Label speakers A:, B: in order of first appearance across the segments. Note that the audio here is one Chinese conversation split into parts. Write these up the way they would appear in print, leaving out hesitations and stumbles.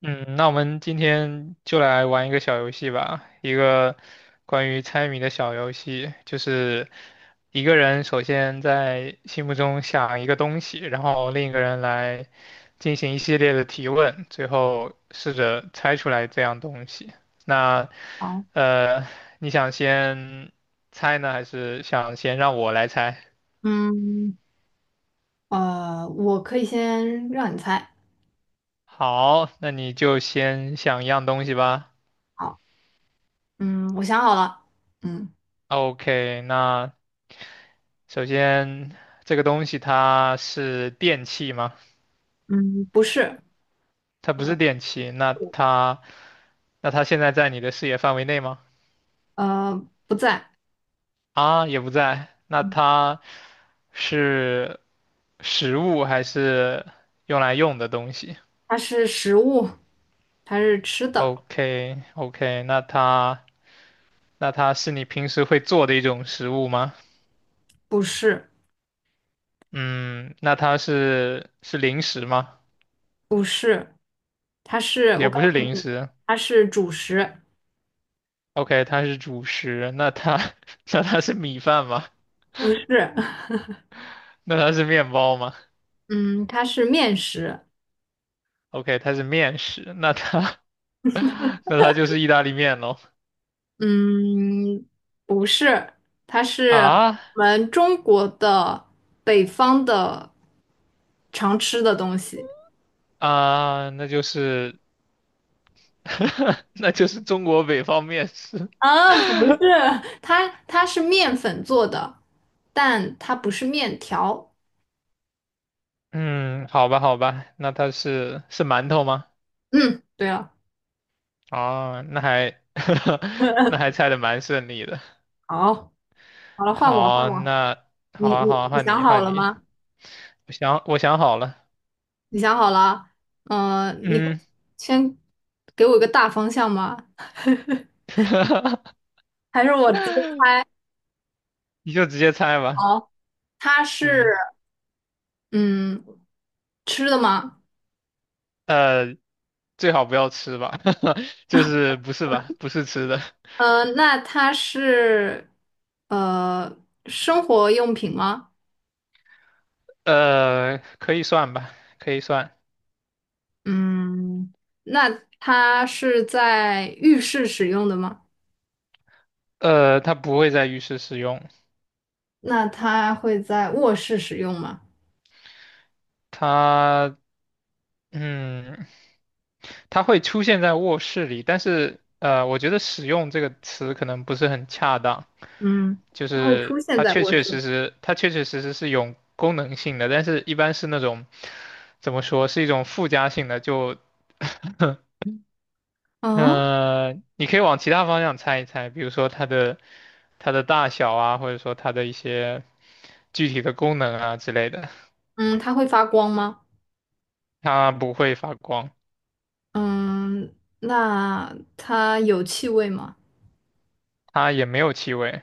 A: 嗯，那我们今天就来玩一个小游戏吧，一个关于猜谜的小游戏，就是一个人首先在心目中想一个东西，然后另一个人来进行一系列的提问，最后试着猜出来这样东西。那
B: 好，
A: 呃，你想先猜呢，还是想先让我来猜？
B: 嗯，我可以先让你猜。
A: 好，那你就先想一样东西吧。
B: 好，我想好了。嗯，
A: OK，那，首先，这个东西它是电器吗？
B: 嗯，不是，
A: 它不是电器，那它现在在你的视野范围内吗？
B: 呃，不在。
A: 啊，也不在。那
B: 嗯，
A: 它是食物还是用来用的东西
B: 它是食物，它是吃的，
A: ？OK OK，那它是你平时会做的一种食物吗？
B: 不是，
A: 嗯，那它是零食吗？
B: 不是，它是，我
A: 也
B: 告
A: 不是
B: 诉
A: 零
B: 你，
A: 食。
B: 它是主食，
A: OK，它是主食。那它是米饭吗？
B: 不是，
A: 那它是面包吗
B: 嗯，它是面食，
A: ？OK，它是面食，那它就是意大利面喽。
B: 嗯，不是，它是
A: 啊
B: 我们中国的北方的常吃的东西。
A: 啊，那就是 那就是中国北方面食。
B: 啊，不是，它是面粉做的，但它不是面条。
A: 嗯，好吧，好吧，那它是馒头吗？
B: 嗯，对了，
A: 哦，那还 猜的蛮顺利的。
B: 好，好了，换我，换
A: 好，
B: 我。
A: 那好
B: 你
A: 啊，
B: 你
A: 好啊，
B: 你
A: 换
B: 想
A: 你，
B: 好
A: 换
B: 了
A: 你。
B: 吗？
A: 我想好了。
B: 你想好了？你给我
A: 嗯，
B: 先给我一个大方向吗？还是我直接
A: 你就直接猜吧。
B: 好？它是
A: 嗯，
B: 嗯吃的吗？
A: 呃，最好不要吃吧，就是不是吧，不是吃的，
B: 那它是呃生活用品吗？
A: 可以算吧，可以算，
B: 嗯，那它是在浴室使用的吗？
A: 它不会在浴室使用，
B: 那它会在卧室使用吗？
A: 它，嗯，它会出现在卧室里，但是，我觉得使用这个词可能不是很恰当，
B: 嗯，
A: 就
B: 它会
A: 是
B: 出现
A: 它
B: 在
A: 确
B: 卧
A: 确
B: 室。
A: 实实，它确确实实是有功能性的，但是一般是那种，怎么说，是一种附加性的，就
B: 嗯
A: 你可以往其他方向猜一猜，比如说它的大小啊，或者说它的一些具体的功能啊之类的。
B: 嗯，它会发光吗？
A: 它不会发光，
B: 嗯，那它有气味吗？
A: 它也没有气味，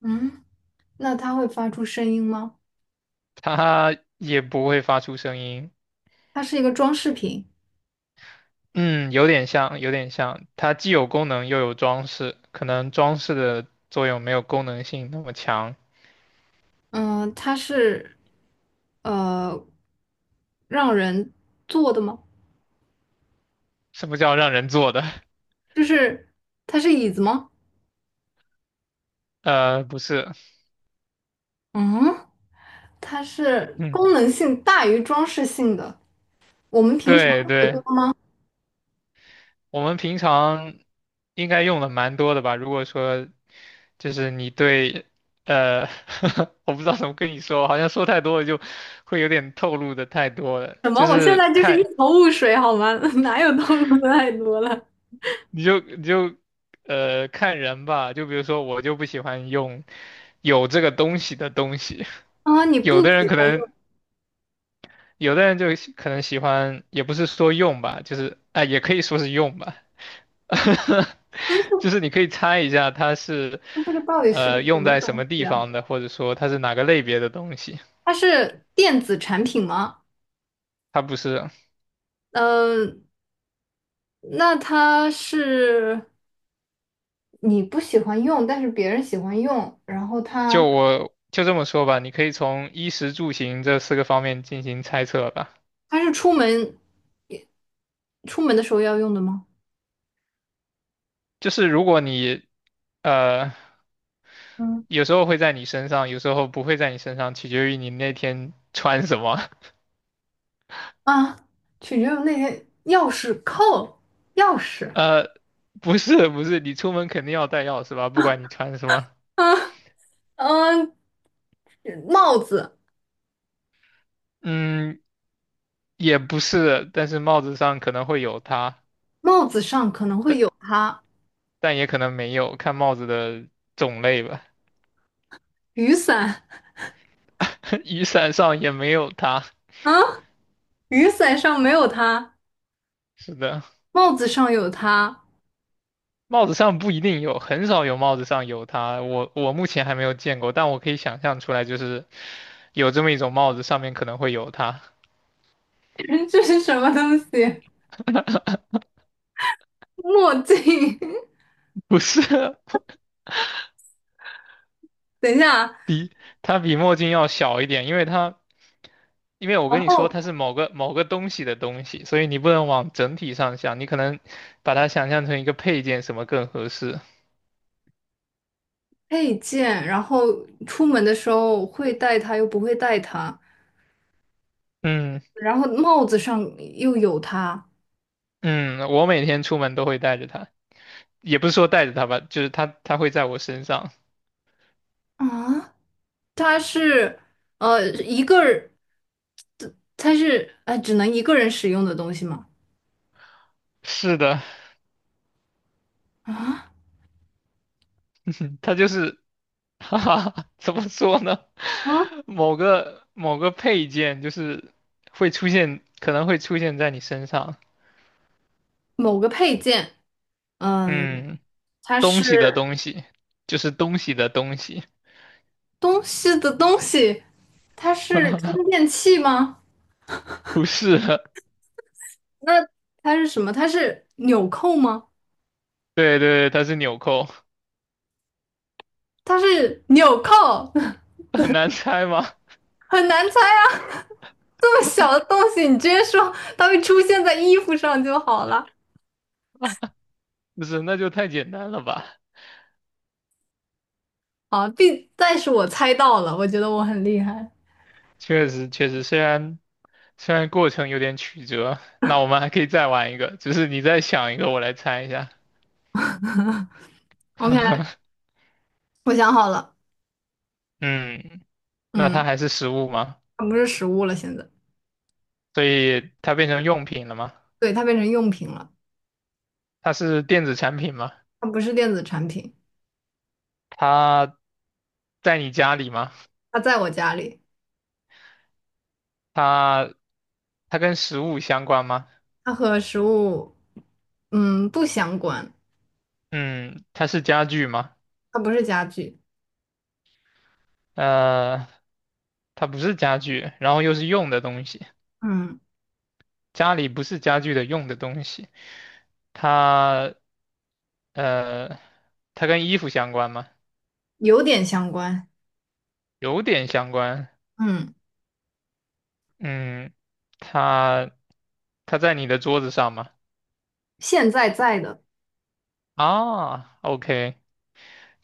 B: 嗯，那它会发出声音吗？
A: 它也不会发出声音。
B: 它是一个装饰品。
A: 嗯，有点像，有点像。它既有功能又有装饰，可能装饰的作用没有功能性那么强。
B: 嗯，它是呃让人坐的吗？
A: 什么叫让人做的？
B: 就是它是椅子吗？
A: 不是，
B: 嗯。它是
A: 嗯，
B: 功能性大于装饰性的。我们平常
A: 对对。我们平常应该用的蛮多的吧？如果说就是你对，呃，我不知道怎么跟你说，好像说太多了就会有点透露的太多了。
B: 什么？
A: 就
B: 我现
A: 是
B: 在就是一
A: 看，
B: 头雾水，好吗？哪有透露的太多了
A: 你就看人吧。就比如说我就不喜欢用有这个东西的东西，
B: 啊？你不
A: 有的人
B: 喜
A: 可
B: 欢用，
A: 能有的人就可能喜欢，也不是说用吧，就是啊、也可以说是用吧。就是你可以猜一下它是
B: 那这个到底是个什
A: 用
B: 么
A: 在什
B: 东
A: 么
B: 西
A: 地
B: 啊？
A: 方的，或者说它是哪个类别的东西。
B: 它是电子产品吗？
A: 它不是，
B: 嗯、那它是你不喜欢用，但是别人喜欢用，然后它
A: 我就这么说吧，你可以从衣食住行这四个方面进行猜测吧。
B: 它是出门的时候要用的吗？
A: 就是如果你呃
B: 嗯，
A: 有时候会在你身上，有时候不会在你身上，取决于你那天穿什么。
B: 啊，取决于那些钥匙扣，钥匙。
A: 呃，不是不是，你出门肯定要带钥匙吧，不管你穿什么。
B: 嗯嗯，帽子，
A: 嗯，也不是，但是帽子上可能会有它。
B: 帽子上可能会有它，
A: 但也可能没有，看帽子的种类吧。
B: 雨伞
A: 雨伞上也没有它。
B: 啊，雨伞上没有它，
A: 是的，
B: 帽子上有它，
A: 帽子上不一定有，很少有帽子上有它。我目前还没有见过，但我可以想象出来，就是有这么一种帽子，上面可能会有它。
B: 这是什么东西？墨镜，
A: 不是，
B: 等一下，
A: 比它比墨镜要小一点，因为我
B: 然
A: 跟你说它
B: 后
A: 是某个某个东西的东西，所以你不能往整体上想，你可能把它想象成一个配件，什么更合适？
B: 配件，然后出门的时候会带它，又不会带它，
A: 嗯。
B: 然后帽子上又有它
A: 嗯，我每天出门都会带着它，也不是说带着它吧，就是它会在我身上。
B: 啊，它是呃一个人只能一个人使用的东西吗？
A: 是的，
B: 啊
A: 它就是，哈哈，怎么说呢？
B: 啊，
A: 某个某个配件就是会出现，可能会出现在你身上。
B: 某个配件，嗯，
A: 嗯，
B: 它
A: 东
B: 是。
A: 西的东西，就是东西的东西。
B: 东西的东西，它是充 电器吗？
A: 不是，
B: 那它是什么？它是纽扣吗？
A: 对对对，它是纽扣，
B: 它是纽扣，
A: 很难猜吗？
B: 很难猜啊！这么小的东西，你直接说它会出现在衣服上就好了。
A: 不是，那就太简单了吧？
B: 好，必，但是我猜到了，我觉得我很厉害。
A: 确实确实，虽然过程有点曲折，那我们还可以再玩一个，只是你再想一个，我来猜一下。
B: OK，我想好了，
A: 嗯，那
B: 嗯，
A: 它还是食物吗？
B: 它不是食物了，现在，
A: 所以它变成用品了吗？
B: 对，它变成用品了，
A: 它是电子产品吗？
B: 它不是电子产品，
A: 它在你家里吗？
B: 它在我家里，
A: 它它跟食物相关吗？
B: 它和食物，嗯，不相关，
A: 嗯，它是家具吗？
B: 它不是家具。
A: 呃，它不是家具，然后又是用的东西，
B: 嗯，
A: 家里不是家具的用的东西。它呃，它跟衣服相关吗？
B: 有点相关。
A: 有点相关。
B: 嗯，
A: 嗯，它它在你的桌子上吗？
B: 现在在的，
A: 啊，OK，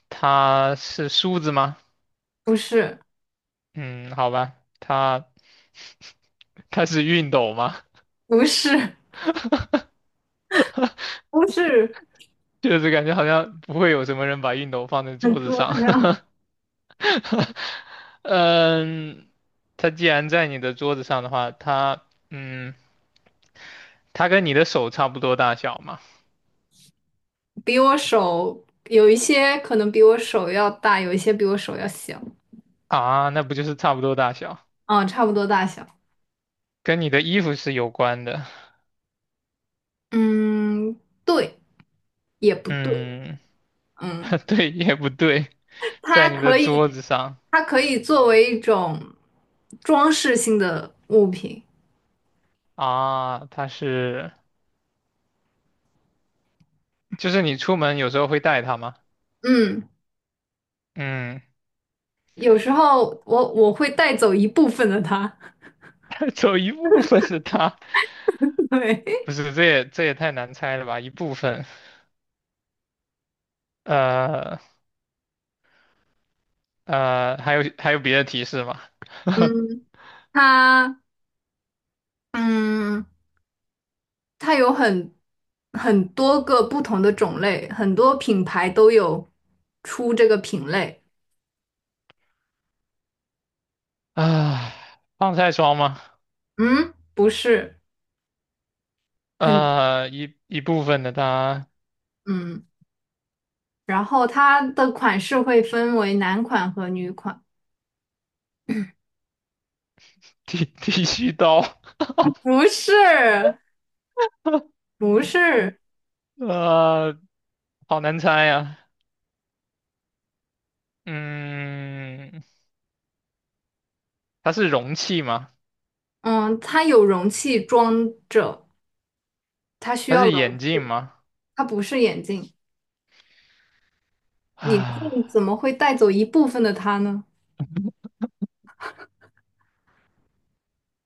A: 它是梳子吗？
B: 不是，
A: 嗯，好吧，它 它是熨斗吗？
B: 不是，不是，
A: 就是感觉好像不会有什么人把熨斗放在
B: 很
A: 桌子
B: 桌
A: 上。
B: 子上，
A: 嗯，它既然在你的桌子上的话，嗯，它跟你的手差不多大小嘛？
B: 比我手有一些可能比我手要大，有一些比我手要小，
A: 啊，那不就是差不多大小？
B: 差不多大小。
A: 跟你的衣服是有关的。
B: 嗯，对，也不对。
A: 嗯。
B: 嗯，
A: 对，也不对，
B: 它
A: 在你的
B: 可以，
A: 桌子上
B: 它可以作为一种装饰性的物品。
A: 啊，就是你出门有时候会带它吗？
B: 嗯，
A: 嗯，
B: 有时候我会带走一部分的它。
A: 走一部分的它，
B: 对，
A: 不是，这也太难猜了吧？一部分，呃还有别的提示吗？
B: 嗯，它，嗯。它有很多个不同的种类，很多品牌都有出这个品类。
A: 啊，防晒霜吗？
B: 嗯，不是很
A: 一部分的它，
B: 嗯，然后它的款式会分为男款和女款。
A: 剃须刀，
B: 不是，不是，
A: 呃，好难猜呀、嗯，它是容器吗？
B: 嗯，它有容器装着，它需
A: 它
B: 要
A: 是眼
B: 容，
A: 镜吗？
B: 它不是眼镜，眼
A: 啊，
B: 镜怎么会带走一部分的它呢？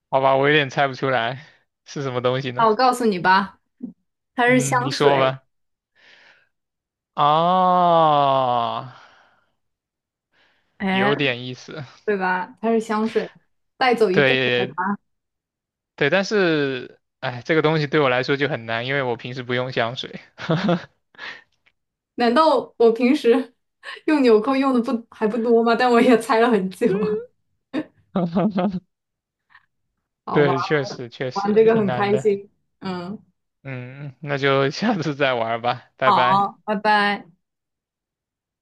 A: 好吧，我有点猜不出来是什么东西
B: 那
A: 呢。
B: 我告诉你吧，它是香
A: 嗯，你说
B: 水，
A: 吧。啊，
B: 哎，
A: 有点意思。
B: 对吧？它是香水，带走一部分。的。
A: 对对，但是，哎，这个东西对我来说就很难，因为我平时不用香水。
B: 难道我平时 用纽扣用的不还不多吗？但我也猜了很久啊 好吧，
A: 对，确实确实
B: 玩这个
A: 挺
B: 很
A: 难
B: 开
A: 的。
B: 心。嗯，
A: 嗯，那就下次再玩吧，拜拜。
B: 好，拜拜。